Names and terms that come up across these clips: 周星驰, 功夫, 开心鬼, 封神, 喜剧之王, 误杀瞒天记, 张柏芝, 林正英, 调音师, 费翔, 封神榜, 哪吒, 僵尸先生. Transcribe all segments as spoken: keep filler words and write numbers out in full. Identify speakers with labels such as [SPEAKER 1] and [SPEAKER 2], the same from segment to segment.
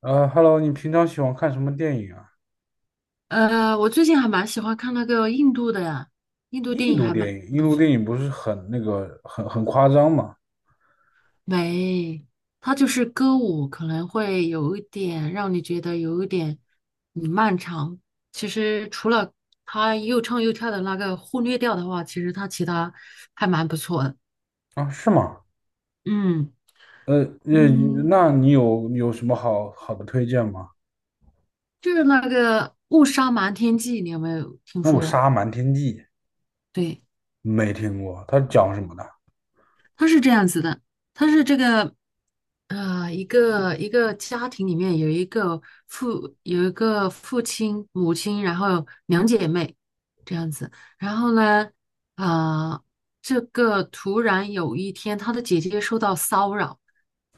[SPEAKER 1] 呃，Hello,你平常喜欢看什么电影啊？
[SPEAKER 2] 呃，我最近还蛮喜欢看那个印度的呀，印度电
[SPEAKER 1] 印
[SPEAKER 2] 影
[SPEAKER 1] 度
[SPEAKER 2] 还蛮
[SPEAKER 1] 电影，印
[SPEAKER 2] 不
[SPEAKER 1] 度
[SPEAKER 2] 错。
[SPEAKER 1] 电影不是很那个，很很夸张吗？
[SPEAKER 2] 没，它就是歌舞，可能会有一点让你觉得有一点嗯漫长。其实除了他又唱又跳的那个忽略掉的话，其实他其他还蛮不错的。
[SPEAKER 1] 啊，是吗？
[SPEAKER 2] 嗯
[SPEAKER 1] 呃，那
[SPEAKER 2] 嗯，
[SPEAKER 1] 那你有有什么好好的推荐吗？
[SPEAKER 2] 就是那个《误杀瞒天记》，你有没有听
[SPEAKER 1] 《误
[SPEAKER 2] 说？
[SPEAKER 1] 杀瞒天记》，
[SPEAKER 2] 对，
[SPEAKER 1] 没听过，它讲什么的？
[SPEAKER 2] 它是这样子的，它是这个。呃，一个一个家庭里面有一个父有一个父亲、母亲，然后两姐妹这样子。然后呢，啊，这个突然有一天，她的姐姐受到骚扰，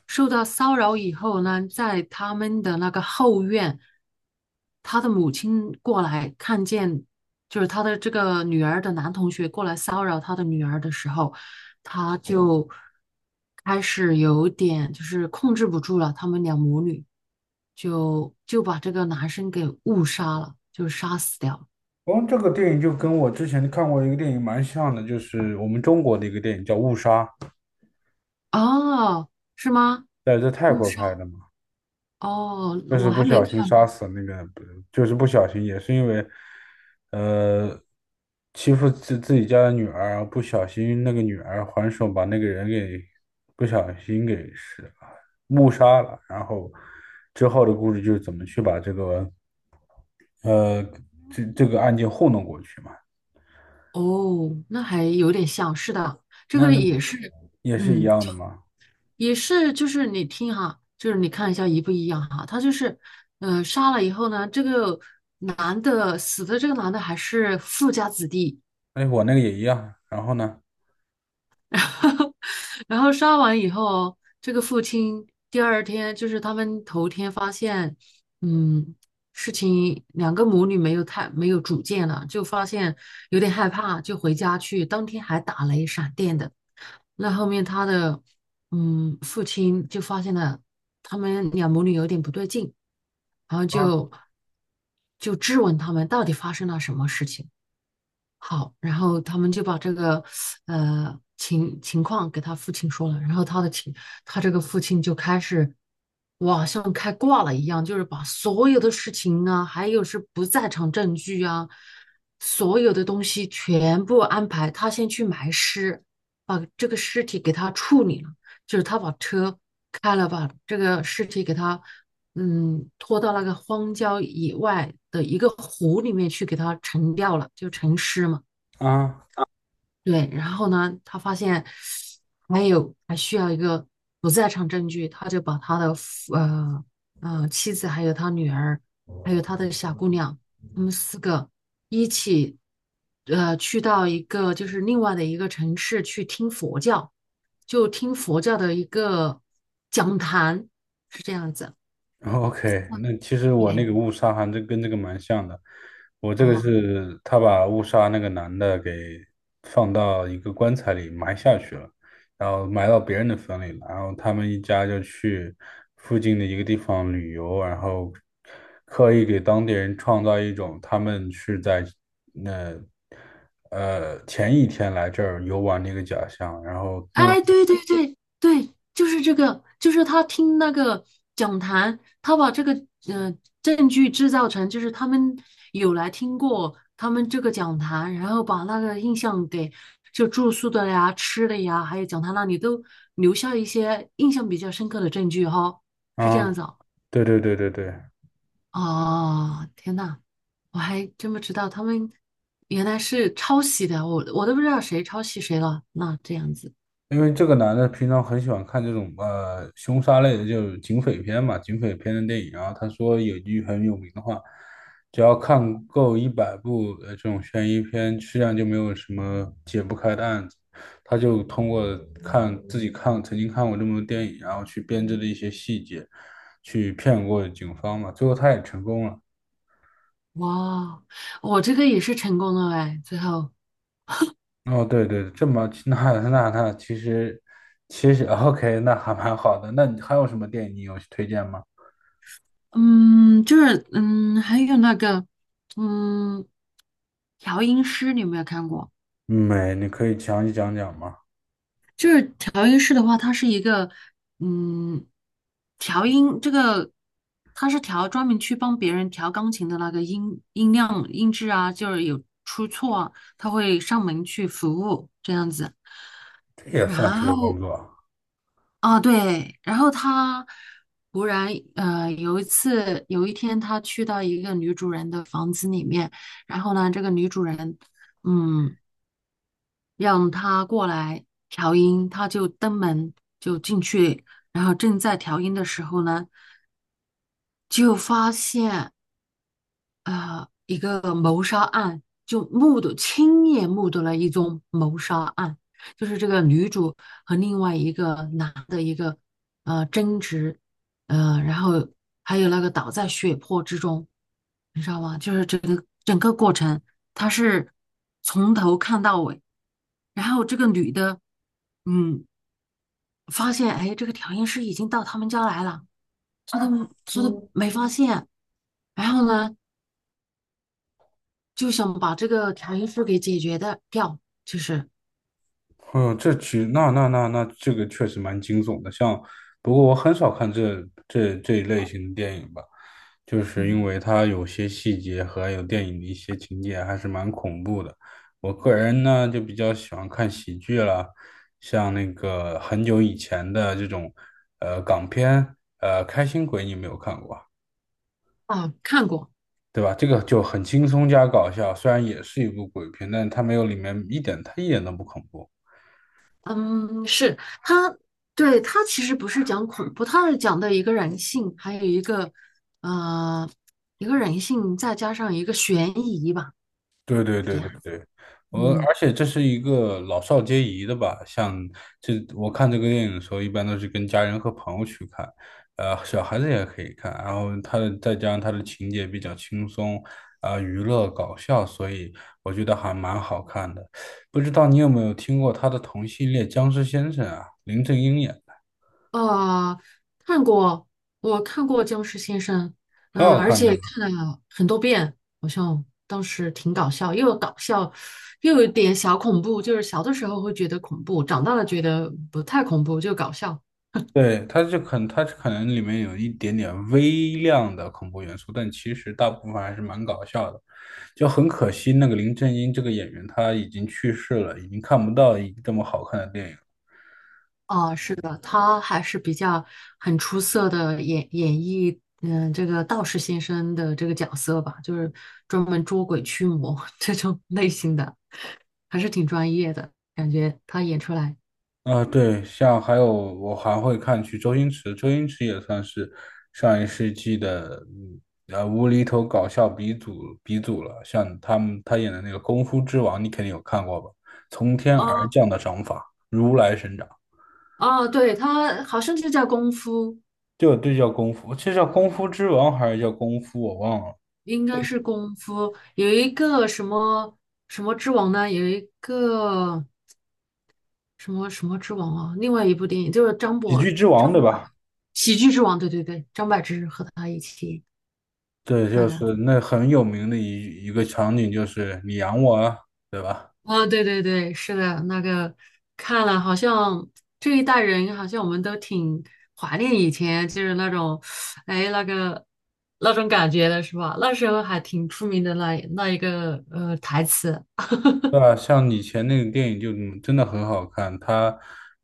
[SPEAKER 2] 受到骚扰以后呢，在他们的那个后院，她的母亲过来看见，就是她的这个女儿的男同学过来骚扰她的女儿的时候。他就开始有点就是控制不住了，他们俩母女就就把这个男生给误杀了，就杀死掉了。
[SPEAKER 1] 哦，这个电影就跟我之前看过一个电影蛮像的，就是我们中国的一个电影叫《误杀》，
[SPEAKER 2] 哦，是吗？
[SPEAKER 1] 在在泰
[SPEAKER 2] 误
[SPEAKER 1] 国拍
[SPEAKER 2] 杀？
[SPEAKER 1] 的。嘛。
[SPEAKER 2] 哦，
[SPEAKER 1] 就是
[SPEAKER 2] 我还
[SPEAKER 1] 不
[SPEAKER 2] 没
[SPEAKER 1] 小心
[SPEAKER 2] 看
[SPEAKER 1] 杀
[SPEAKER 2] 过。
[SPEAKER 1] 死那个，不就是不小心，也是因为，呃，欺负自自己家的女儿，不小心那个女儿还手把那个人给不小心给是误杀了，然后之后的故事就是怎么去把这个呃这这个案件糊弄过去嘛，
[SPEAKER 2] 哦，那还有点像，是的，这
[SPEAKER 1] 那
[SPEAKER 2] 个也是，
[SPEAKER 1] 也是一
[SPEAKER 2] 嗯，
[SPEAKER 1] 样的嘛。
[SPEAKER 2] 也是，就是你听哈，就是你看一下一不一样哈，他就是，呃，杀了以后呢，这个男的死的这个男的还是富家子弟。
[SPEAKER 1] 哎，我那个也一样，然后呢？
[SPEAKER 2] 然后杀完以后，这个父亲第二天就是他们头天发现，嗯，事情两个母女没有太没有主见了，就发现有点害怕，就回家去。当天还打雷闪电的。那后面他的嗯父亲就发现了他们两母女有点不对劲，然后就
[SPEAKER 1] 啊
[SPEAKER 2] 就质问他们到底发生了什么事情。好，然后他们就把这个呃情情况给他父亲说了，然后他的亲，他这个父亲就开始，哇，像开挂了一样，就是把所有的事情啊，还有是不在场证据啊，所有的东西全部安排，他先去埋尸，把这个尸体给他处理了，就是他把车开了，把这个尸体给他。嗯，拖到那个荒郊野外的一个湖里面去，给它沉掉了，就沉尸嘛。
[SPEAKER 1] 啊。
[SPEAKER 2] 对，然后呢，他发现还有还需要一个不在场证据，他就把他的夫呃呃妻子，还有他女儿，还有他的小姑娘，他们四个一起呃去到一个就是另外的一个城市去听佛教，就听佛教的一个讲坛，是这样子。
[SPEAKER 1] OK,那其实我那
[SPEAKER 2] 对。
[SPEAKER 1] 个误杀还真跟这个蛮像的。我这个
[SPEAKER 2] 哦，
[SPEAKER 1] 是他把误杀那个男的给放到一个棺材里埋下去了，然后埋到别人的坟里了。然后他们一家就去附近的一个地方旅游，然后刻意给当地人创造一种他们是在那呃前一天来这儿游玩的一个假象。然后因为
[SPEAKER 2] 哎，对对对对，就是这个，就是他听那个讲坛，他把这个呃证据制造成，就是他们有来听过他们这个讲坛，然后把那个印象给就住宿的呀、吃的呀，还有讲坛那里都留下一些印象比较深刻的证据哈、是这样
[SPEAKER 1] 啊，
[SPEAKER 2] 子哦。
[SPEAKER 1] 对对对对对。
[SPEAKER 2] 哦，天呐，我还真不知道他们原来是抄袭的，我我都不知道谁抄袭谁了。那这样子。
[SPEAKER 1] 因为这个男的平常很喜欢看这种呃凶杀类的，就是警匪片嘛，警匪片的电影啊。然后他说有一句很有名的话，只要看够一百部呃这种悬疑片，实际上就没有什么解不开的案子。他就通过看自己看曾经看过这么多电影，然后去编织的一些细节，去骗过警方嘛。最后他也成功了。
[SPEAKER 2] 哇，我这个也是成功了哎，最后，
[SPEAKER 1] 哦，对对，这么那那那其实其实 OK,那还蛮好的。那你还有什么电影你有推荐吗？
[SPEAKER 2] 嗯，就是嗯，还有那个，嗯，调音师你有没有看过？
[SPEAKER 1] 没，你可以详细讲讲吗？
[SPEAKER 2] 就是调音师的话，它是一个，嗯，调音这个，它是调专门去帮别人调钢琴的那个音音量、音质啊，就是有出错啊，他会上门去服务这样子。
[SPEAKER 1] 这也
[SPEAKER 2] 然
[SPEAKER 1] 算是个
[SPEAKER 2] 后
[SPEAKER 1] 工作啊。
[SPEAKER 2] 啊，对，然后他忽然呃有一次有一天，他去到一个女主人的房子里面，然后呢，这个女主人嗯让他过来调音，他就登门就进去，然后正在调音的时候呢，就发现。呃一个谋杀案，就目睹亲眼目睹了一宗谋杀案，就是这个女主和另外一个男的一个呃争执，呃，然后还有那个倒在血泊之中，你知道吗？就是整个整个过程，他是从头看到尾，然后这个女的，嗯，发现哎，这个调音师已经到他们家来了，她都她都没发现。然后呢，就想把这个调音师给解决的掉，就是
[SPEAKER 1] 嗯，这其那那那那这个确实蛮惊悚的。像，不过我很少看这这这一类型的电影吧，就是
[SPEAKER 2] 嗯
[SPEAKER 1] 因为它有些细节和还有电影的一些情节还是蛮恐怖的。我个人呢就比较喜欢看喜剧了，像那个很久以前的这种呃港片，呃《开心鬼》，你有没有看过？
[SPEAKER 2] 啊，看过，
[SPEAKER 1] 对吧？这个就很轻松加搞笑，虽然也是一部鬼片，但它没有里面一点，它一点都不恐怖。
[SPEAKER 2] 嗯，是他，对他其实不是讲恐怖，他是讲的一个人性，还有一个呃一个人性，再加上一个悬疑吧，
[SPEAKER 1] 对对
[SPEAKER 2] 是这
[SPEAKER 1] 对对
[SPEAKER 2] 样的，
[SPEAKER 1] 对，我
[SPEAKER 2] 嗯。
[SPEAKER 1] 而且这是一个老少皆宜的吧，像这我看这个电影的时候，一般都是跟家人和朋友去看，呃，小孩子也可以看，然后它的再加上它的情节比较轻松，啊、娱乐搞笑，所以我觉得还蛮好看的。不知道你有没有听过他的同系列《僵尸先生》啊，林正英演的，
[SPEAKER 2] 啊，看过，我看过《僵尸先生》，
[SPEAKER 1] 很
[SPEAKER 2] 嗯、
[SPEAKER 1] 好
[SPEAKER 2] 而
[SPEAKER 1] 看的。
[SPEAKER 2] 且看了很多遍，好像当时挺搞笑，又搞笑，又有点小恐怖，就是小的时候会觉得恐怖，长大了觉得不太恐怖，就搞笑。
[SPEAKER 1] 对，它就可能，它可能里面有一点点微量的恐怖元素，但其实大部分还是蛮搞笑的。就很可惜，那个林正英这个演员他已经去世了，已经看不到一这么好看的电影了。
[SPEAKER 2] 啊，是的，他还是比较很出色的演演绎，嗯、这个道士先生的这个角色吧，就是专门捉鬼驱魔 这种类型的，还是挺专业的，感觉他演出来。
[SPEAKER 1] 啊、对，像还有我还会看去周星驰，周星驰也算是上一世纪的嗯呃无厘头搞笑鼻祖鼻祖了。像他们他演的那个《功夫之王》，你肯定有看过吧？从天而
[SPEAKER 2] 啊。
[SPEAKER 1] 降的掌法，如来神掌。
[SPEAKER 2] 哦，对，他好像就叫功夫，
[SPEAKER 1] 对对，叫功夫，这叫功夫之王还是叫功夫？我忘了。
[SPEAKER 2] 应该是功夫。有一个什么什么之王呢？有一个什么什么之王啊？另外一部电影就是张
[SPEAKER 1] 喜
[SPEAKER 2] 柏
[SPEAKER 1] 剧之王对
[SPEAKER 2] 张柏
[SPEAKER 1] 吧？
[SPEAKER 2] 喜剧之王，对对对，张柏芝和他一起
[SPEAKER 1] 对，
[SPEAKER 2] 那
[SPEAKER 1] 就
[SPEAKER 2] 个。
[SPEAKER 1] 是那很有名的一一个场景，就是你养我啊，对吧？
[SPEAKER 2] 啊、对对对，是的，那个看了，好像这一代人好像我们都挺怀念以前，就是那种，哎，那个那种感觉的是吧？那时候还挺出名的那那一个呃台词。
[SPEAKER 1] 对啊，像以前那个电影就嗯真的很好看，它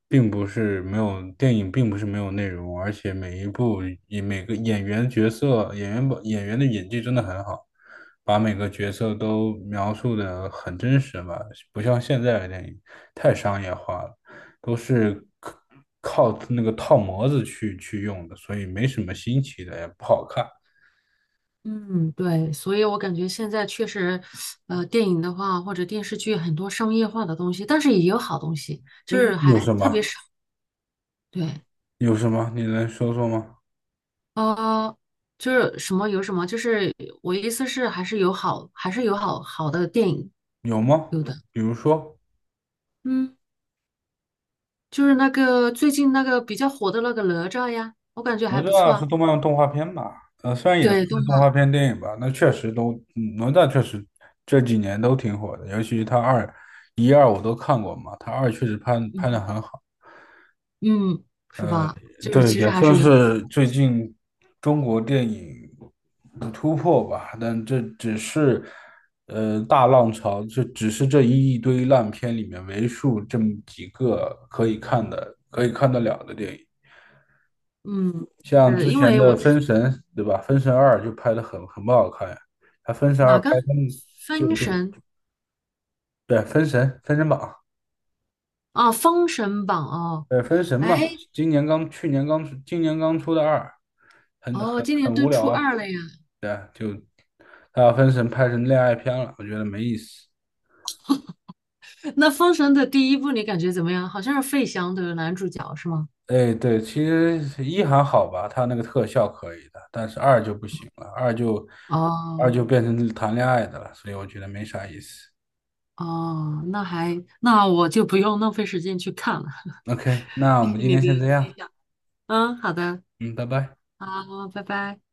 [SPEAKER 1] 并不是没有电影，并不是没有内容，而且每一部以每个演员角色演员把演员的演技真的很好，把每个角色都描述的很真实吧，不像现在的电影太商业化了，都是靠靠那个套模子去去用的，所以没什么新奇的，也不好看。
[SPEAKER 2] 嗯，对，所以我感觉现在确实，呃，电影的话或者电视剧很多商业化的东西，但是也有好东西，就
[SPEAKER 1] 嗯，
[SPEAKER 2] 是
[SPEAKER 1] 有
[SPEAKER 2] 还
[SPEAKER 1] 什
[SPEAKER 2] 特别
[SPEAKER 1] 么？
[SPEAKER 2] 少。对，
[SPEAKER 1] 有什么？你能说说吗？
[SPEAKER 2] 呃，就是什么有什么，就是我意思是还是有好，还是有好好的电影
[SPEAKER 1] 有吗？
[SPEAKER 2] 有的。
[SPEAKER 1] 比如说。
[SPEAKER 2] 嗯，就是那个最近那个比较火的那个哪吒呀，我感觉
[SPEAKER 1] 哪
[SPEAKER 2] 还不错
[SPEAKER 1] 吒是
[SPEAKER 2] 啊。
[SPEAKER 1] 动漫动画片吧？是
[SPEAKER 2] 对，动
[SPEAKER 1] 动画
[SPEAKER 2] 漫，
[SPEAKER 1] 片电影吧？那确实都，嗯哪吒确实这几年都挺火的，尤其是他二、一二我都看过嘛，他二确实拍拍
[SPEAKER 2] 嗯
[SPEAKER 1] 的很好。
[SPEAKER 2] 嗯，是吧？就是
[SPEAKER 1] 对，
[SPEAKER 2] 其
[SPEAKER 1] 也
[SPEAKER 2] 实还
[SPEAKER 1] 算
[SPEAKER 2] 是有，
[SPEAKER 1] 是最近中国电影的突破吧，但这只是呃大浪潮，这只是这一堆烂片里面为数这么几个可以看的、可以看得了的电影。
[SPEAKER 2] 嗯，
[SPEAKER 1] 像
[SPEAKER 2] 是
[SPEAKER 1] 之
[SPEAKER 2] 因
[SPEAKER 1] 前
[SPEAKER 2] 为
[SPEAKER 1] 的
[SPEAKER 2] 我
[SPEAKER 1] 《封神》，对吧？《封神二》就拍的很很不好看呀。他《封神二》
[SPEAKER 2] 哪个
[SPEAKER 1] 拍成就
[SPEAKER 2] 分
[SPEAKER 1] 就
[SPEAKER 2] 神。
[SPEAKER 1] 对，《封神》《封神榜》，
[SPEAKER 2] 啊，哦《封神榜》哦，
[SPEAKER 1] 对《封神》
[SPEAKER 2] 哎，
[SPEAKER 1] 嘛，今年刚去年刚出，今年刚出的二，很
[SPEAKER 2] 哦，
[SPEAKER 1] 很
[SPEAKER 2] 今年
[SPEAKER 1] 很
[SPEAKER 2] 都
[SPEAKER 1] 无聊
[SPEAKER 2] 初
[SPEAKER 1] 啊。
[SPEAKER 2] 二了呀。
[SPEAKER 1] 对啊，就他把《封神》拍成恋爱片了，我觉得没意思。
[SPEAKER 2] 那《封神》的第一部你感觉怎么样？好像是费翔的男主角是吗？
[SPEAKER 1] 哎，对，其实一还好吧，他那个特效可以的，但是二就不行了，二就二
[SPEAKER 2] 哦
[SPEAKER 1] 就变成谈恋爱的了，所以我觉得没啥意思。
[SPEAKER 2] 哦，那还那我就不用浪费时间去看了。
[SPEAKER 1] OK,那我
[SPEAKER 2] 谢
[SPEAKER 1] 们
[SPEAKER 2] 谢
[SPEAKER 1] 今
[SPEAKER 2] 你
[SPEAKER 1] 天先这
[SPEAKER 2] 的分
[SPEAKER 1] 样，
[SPEAKER 2] 享。嗯，好的，
[SPEAKER 1] 嗯，拜拜。
[SPEAKER 2] 好，拜拜。